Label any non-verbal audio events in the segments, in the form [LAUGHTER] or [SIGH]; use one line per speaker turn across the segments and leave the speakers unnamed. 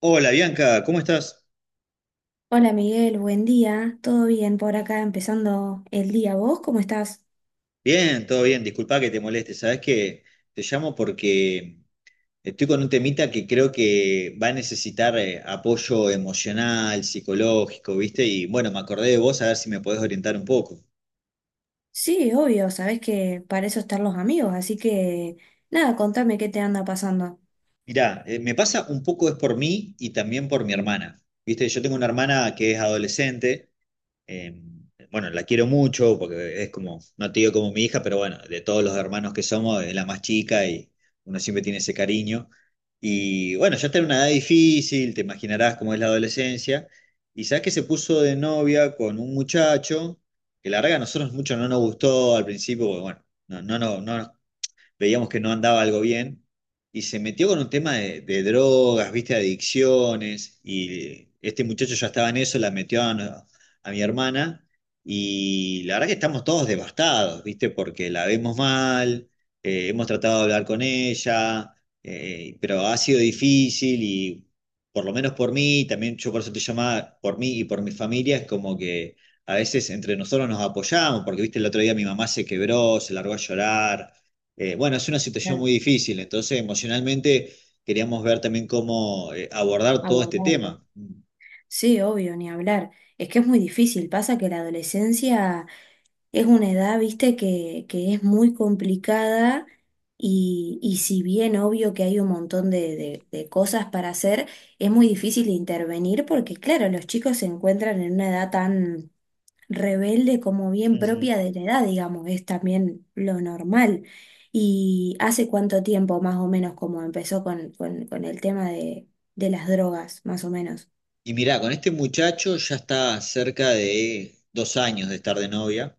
Hola Bianca, ¿cómo estás?
Hola Miguel, buen día. ¿Todo bien por acá empezando el día? ¿Vos cómo estás?
Bien, todo bien, disculpa que te moleste, sabes que te llamo porque estoy con un temita que creo que va a necesitar apoyo emocional, psicológico, ¿viste? Y bueno, me acordé de vos a ver si me podés orientar un poco.
Sí, obvio, sabés que para eso están los amigos, así que nada, contame qué te anda pasando.
Mirá, me pasa un poco es por mí y también por mi hermana, ¿viste? Yo tengo una hermana que es adolescente. Eh, bueno, la quiero mucho porque es como, no te digo como mi hija, pero bueno, de todos los hermanos que somos, es la más chica y uno siempre tiene ese cariño. Y bueno, ya está en una edad difícil, te imaginarás cómo es la adolescencia. Y sabes que se puso de novia con un muchacho que la verdad que a nosotros mucho no nos gustó al principio, porque bueno, no nos veíamos que no andaba algo bien, y se metió con un tema de drogas, viste, adicciones, y este muchacho ya estaba en eso, la metió a mi hermana, y la verdad que estamos todos devastados, viste, porque la vemos mal, hemos tratado de hablar con ella, pero ha sido difícil y por lo menos por mí, también yo por eso te llamaba, por mí y por mi familia, es como que a veces entre nosotros nos apoyamos, porque viste, el otro día mi mamá se quebró, se largó a llorar, bueno, es una situación
Claro,
muy difícil, entonces emocionalmente queríamos ver también cómo abordar todo este
abordarlo.
tema.
Sí, obvio, ni hablar. Es que es muy difícil. Pasa que la adolescencia es una edad, viste, que es muy complicada y si bien obvio que hay un montón de, de cosas para hacer, es muy difícil intervenir porque, claro, los chicos se encuentran en una edad tan rebelde como bien
Ujú.
propia de la edad, digamos, es también lo normal. ¿Y hace cuánto tiempo más o menos como empezó con el tema de las drogas, más o menos?
Y mirá, con este muchacho ya está cerca de 2 años de estar de novia.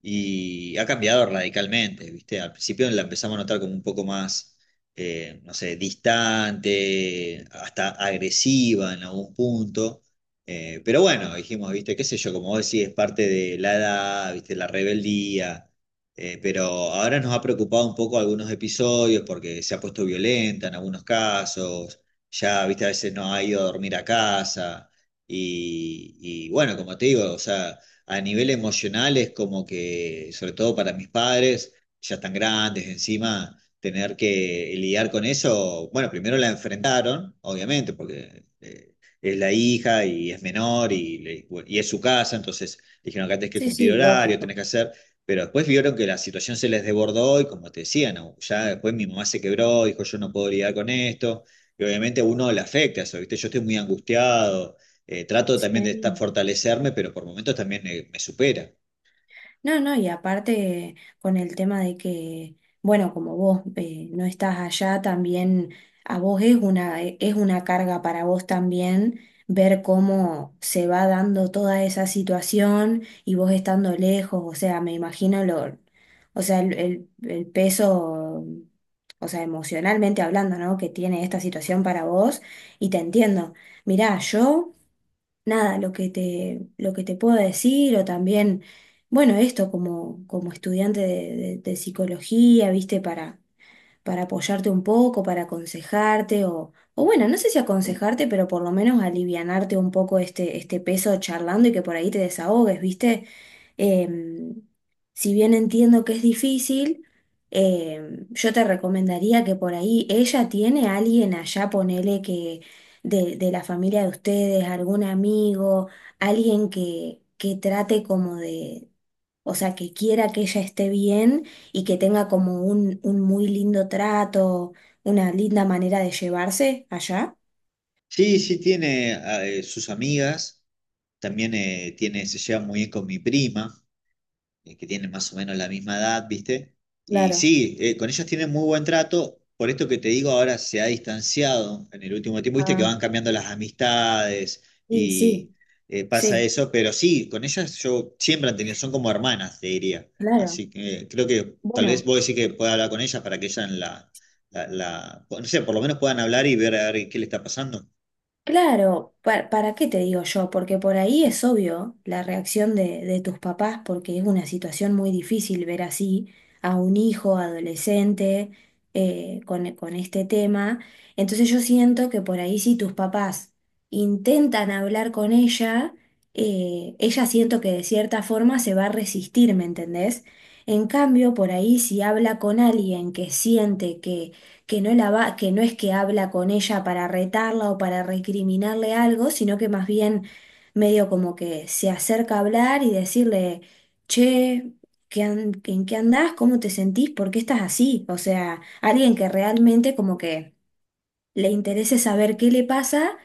Y ha cambiado radicalmente, ¿viste? Al principio la empezamos a notar como un poco más, no sé, distante, hasta agresiva en algún punto. Pero bueno, dijimos, ¿viste? ¿Qué sé yo? Como vos decís, es parte de la edad, ¿viste? La rebeldía. Pero ahora nos ha preocupado un poco algunos episodios porque se ha puesto violenta en algunos casos. Ya, ¿viste? A veces no ha ido a dormir a casa. Y, y bueno, como te digo, o sea a nivel emocional es como que, sobre todo para mis padres, ya están grandes encima, tener que lidiar con eso, bueno, primero la enfrentaron, obviamente, porque es la hija y es menor y, bueno, y es su casa, entonces dijeron que tenés que
Sí,
cumplir
sí,
horario,
lógico.
tenés que hacer, pero después vieron que la situación se les desbordó y como te decía, no, ya después mi mamá se quebró, dijo yo no puedo lidiar con esto. Y obviamente a uno le afecta eso, ¿viste? Yo estoy muy angustiado, trato también de estar,
Sí.
fortalecerme, pero por momentos también me supera.
No, no, y aparte con el tema de que, bueno, como vos no estás allá, también a vos es una, es una carga para vos también ver cómo se va dando toda esa situación y vos estando lejos, o sea, me imagino lo, o sea, el, el peso, o sea, emocionalmente hablando, ¿no? Que tiene esta situación para vos y te entiendo. Mirá, yo nada, lo que te puedo decir, o también, bueno, esto como, como estudiante de, de psicología, viste, para apoyarte un poco, para aconsejarte, o bueno, no sé si aconsejarte, pero por lo menos alivianarte un poco este, este peso charlando y que por ahí te desahogues, viste. Em, si bien entiendo que es difícil, yo te recomendaría que por ahí ella tiene a alguien allá, ponele que de la familia de ustedes, algún amigo, alguien que trate como de, o sea, que quiera que ella esté bien y que tenga como un muy lindo trato, una linda manera de llevarse allá.
Sí, sí, tiene sus amigas, también tiene, se lleva muy bien con mi prima. Que tienen más o menos la misma edad, ¿viste? Y
Claro.
sí, con ellos tienen muy buen trato, por esto que te digo ahora se ha distanciado en el último tiempo, ¿viste? Que
Ah,
van cambiando las amistades
sí,
y
sí,
pasa
sí,
eso, pero sí, con ellas yo siempre han tenido, son como hermanas, te diría.
claro.
Así que creo que tal vez
Bueno.
vos decís que pueda hablar con ellas para que ellas no sé, por lo menos puedan hablar y ver a ver qué le está pasando.
Claro, pa- ¿para, qué te digo yo? Porque por ahí es obvio la reacción de tus papás, porque es una situación muy difícil ver así a un hijo adolescente con este tema. Entonces yo siento que por ahí si tus papás intentan hablar con ella, ella siento que de cierta forma se va a resistir, ¿me entendés? En cambio, por ahí si habla con alguien que siente que no la va, que no es que habla con ella para retarla o para recriminarle algo, sino que más bien medio como que se acerca a hablar y decirle, che, ¿qué ¿en qué andás? ¿Cómo te sentís? ¿Por qué estás así? O sea, alguien que realmente como que le interese saber qué le pasa,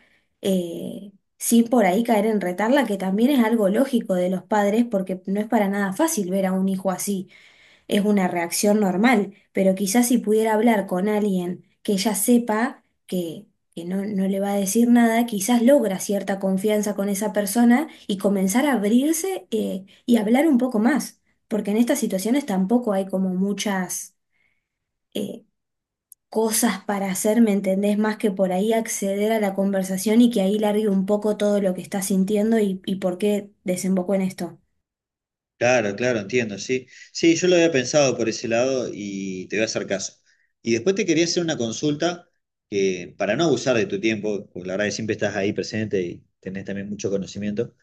eh, sin por ahí caer en retarla, que también es algo lógico de los padres, porque no es para nada fácil ver a un hijo así es una reacción normal, pero quizás si pudiera hablar con alguien que ya sepa que no, no le va a decir nada, quizás logra cierta confianza con esa persona y comenzar a abrirse y hablar un poco más, porque en estas situaciones tampoco hay como muchas eh, cosas para hacer, ¿me entendés? Más que por ahí acceder a la conversación y que ahí largue un poco todo lo que está sintiendo y por qué desembocó en esto.
Claro, claro, entiendo, sí. Sí, yo lo había pensado por ese lado y te voy a hacer caso. Y después te quería hacer una consulta que, para no abusar de tu tiempo, porque la verdad que siempre estás ahí presente y tenés también mucho conocimiento,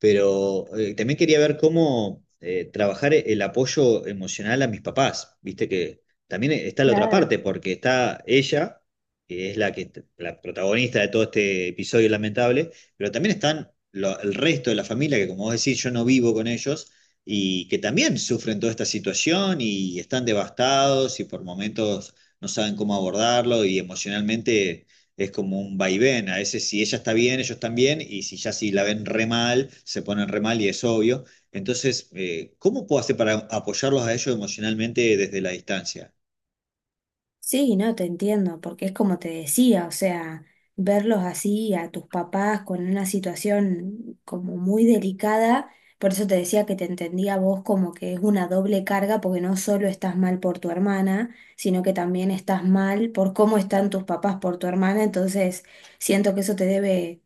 pero también quería ver cómo trabajar el apoyo emocional a mis papás. Viste que también está la otra
Claro.
parte, porque está ella, que es la que la protagonista de todo este episodio lamentable, pero también están el resto de la familia, que como vos decís, yo no vivo con ellos y que también sufren toda esta situación y están devastados y por momentos no saben cómo abordarlo y emocionalmente es como un vaivén. A veces si ella está bien, ellos están bien y si ya si la ven re mal, se ponen re mal y es obvio. Entonces, ¿cómo puedo hacer para apoyarlos a ellos emocionalmente desde la distancia?
Sí, no, te entiendo, porque es como te decía, o sea, verlos así a tus papás con una situación como muy delicada, por eso te decía que te entendía a vos como que es una doble carga, porque no solo estás mal por tu hermana, sino que también estás mal por cómo están tus papás por tu hermana, entonces siento que eso te debe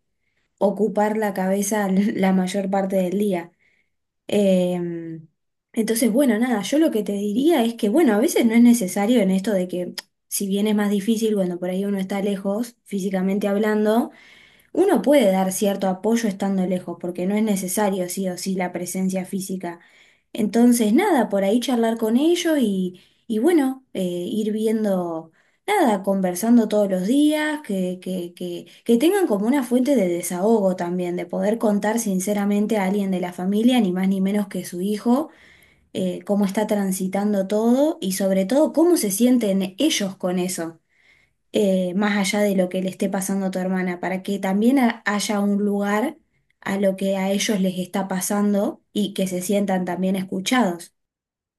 ocupar la cabeza [LAUGHS] la mayor parte del día. Em, entonces, bueno, nada, yo lo que te diría es que, bueno, a veces no es necesario en esto de que, si bien es más difícil cuando por ahí uno está lejos, físicamente hablando, uno puede dar cierto apoyo estando lejos, porque no es necesario sí o sí la presencia física. Entonces, nada, por ahí charlar con ellos y bueno, ir viendo, nada, conversando todos los días, que tengan como una fuente de desahogo también, de poder contar sinceramente a alguien de la familia, ni más ni menos que su hijo, cómo está transitando todo y sobre todo cómo se sienten ellos con eso, más allá de lo que le esté pasando a tu hermana, para que también haya un lugar a lo que a ellos les está pasando y que se sientan también escuchados.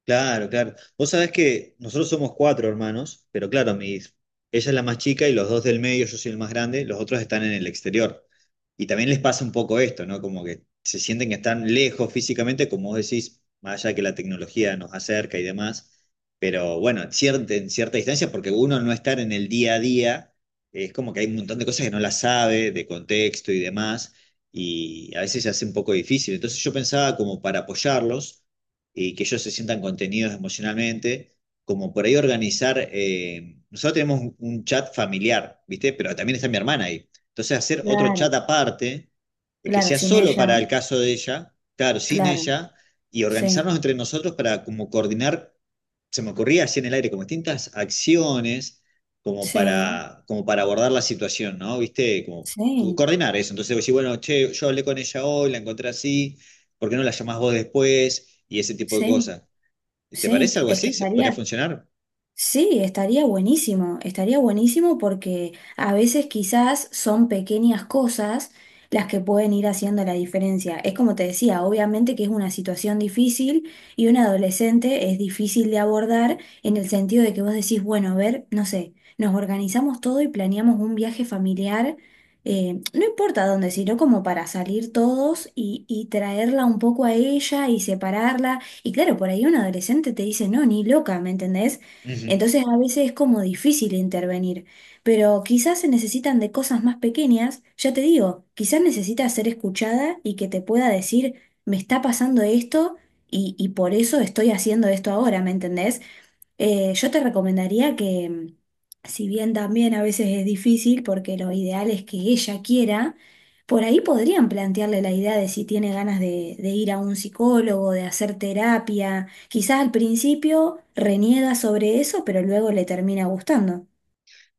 Claro, claro. Vos sabés que nosotros somos cuatro hermanos, pero claro, ella es la más chica y los dos del medio, yo soy el más grande, los otros están en el exterior. Y también les pasa un poco esto, ¿no? Como que se sienten que están lejos físicamente, como vos decís, más allá de que la tecnología nos acerca y demás, pero bueno, en cierta distancia, porque uno al no estar en el día a día, es como que hay un montón de cosas que no las sabe, de contexto y demás, y a veces se hace un poco difícil. Entonces yo pensaba como para apoyarlos y que ellos se sientan contenidos emocionalmente, como por ahí organizar, nosotros tenemos un chat familiar, ¿viste? Pero también está mi hermana ahí. Entonces hacer otro chat
Claro,
aparte, que
claro,
sea
sin
solo
ella,
para el caso de ella, claro, sin
claro,
ella, y organizarnos
sí,
entre nosotros para como coordinar se me ocurría así en el aire como distintas acciones como
sí,
para, como para abordar la situación, ¿no? ¿Viste? Como
sí,
coordinar eso. Entonces decir, bueno, che, yo hablé con ella hoy, la encontré así, ¿por qué no la llamás vos después? Y ese tipo de
sí,
cosas. ¿Te
sí.
parece algo
Es que
así? ¿Podría
estaría,
funcionar?
sí, estaría buenísimo porque a veces quizás son pequeñas cosas las que pueden ir haciendo la diferencia. Es como te decía, obviamente que es una situación difícil y un adolescente es difícil de abordar en el sentido de que vos decís, bueno, a ver, no sé, nos organizamos todo y planeamos un viaje familiar, no importa dónde, sino como para salir todos y traerla un poco a ella y separarla. Y claro, por ahí un adolescente te dice, no, ni loca, ¿me entendés?
Ujú.
Entonces a veces es como difícil intervenir, pero quizás se necesitan de cosas más pequeñas, ya te digo, quizás necesitas ser escuchada y que te pueda decir, me está pasando esto y por eso estoy haciendo esto ahora, ¿me entendés? Yo te recomendaría que, mm, si bien también a veces es difícil, porque lo ideal es que ella quiera, por ahí podrían plantearle la idea de si tiene ganas de ir a un psicólogo, de hacer terapia. Quizás al principio reniega sobre eso, pero luego le termina gustando.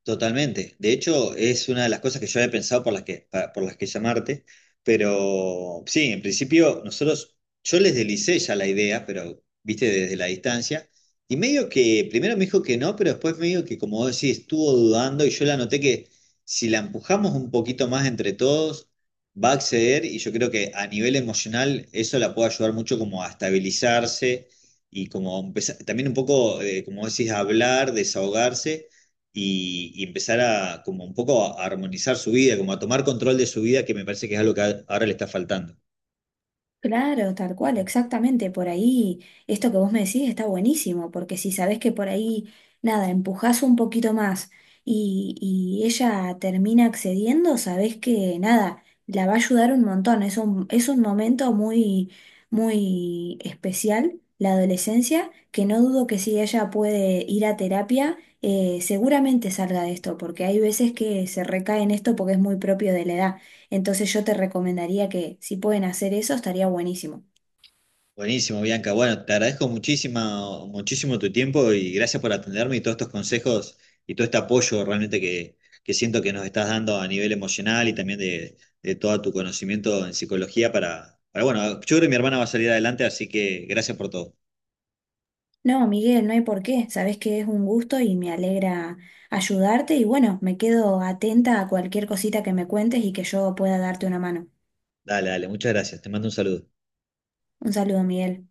Totalmente. De hecho, es una de las cosas que yo había pensado por las que, por las que llamarte, pero sí, en principio nosotros, yo les deslicé ya la idea, pero viste desde la distancia, y medio que primero me dijo que no, pero después medio que como vos decís, estuvo dudando y yo la noté que si la empujamos un poquito más entre todos, va a acceder y yo creo que a nivel emocional eso la puede ayudar mucho como a estabilizarse y como empezar, también un poco, como vos decís, a hablar, desahogarse y empezar a como un poco a armonizar su vida, como a tomar control de su vida, que me parece que es algo que ahora le está faltando.
Claro, tal cual, exactamente. Por ahí, esto que vos me decís está buenísimo, porque si sabés que por ahí, nada, empujás un poquito más y ella termina accediendo, sabés que nada, la va a ayudar un montón. Es un momento muy, muy especial, la adolescencia, que no dudo que si ella puede ir a terapia, seguramente salga de esto, porque hay veces que se recae en esto porque es muy propio de la edad. Entonces yo te recomendaría que si pueden hacer eso, estaría buenísimo.
Buenísimo, Bianca. Bueno, te agradezco muchísimo, muchísimo tu tiempo y gracias por atenderme y todos estos consejos y todo este apoyo realmente que siento que nos estás dando a nivel emocional y también de todo tu conocimiento en psicología para, bueno, yo creo que mi hermana va a salir adelante, así que gracias por todo.
No, Miguel, no hay por qué. Sabés que es un gusto y me alegra ayudarte y bueno, me quedo atenta a cualquier cosita que me cuentes y que yo pueda darte una mano.
Dale, dale, muchas gracias. Te mando un saludo.
Un saludo, Miguel.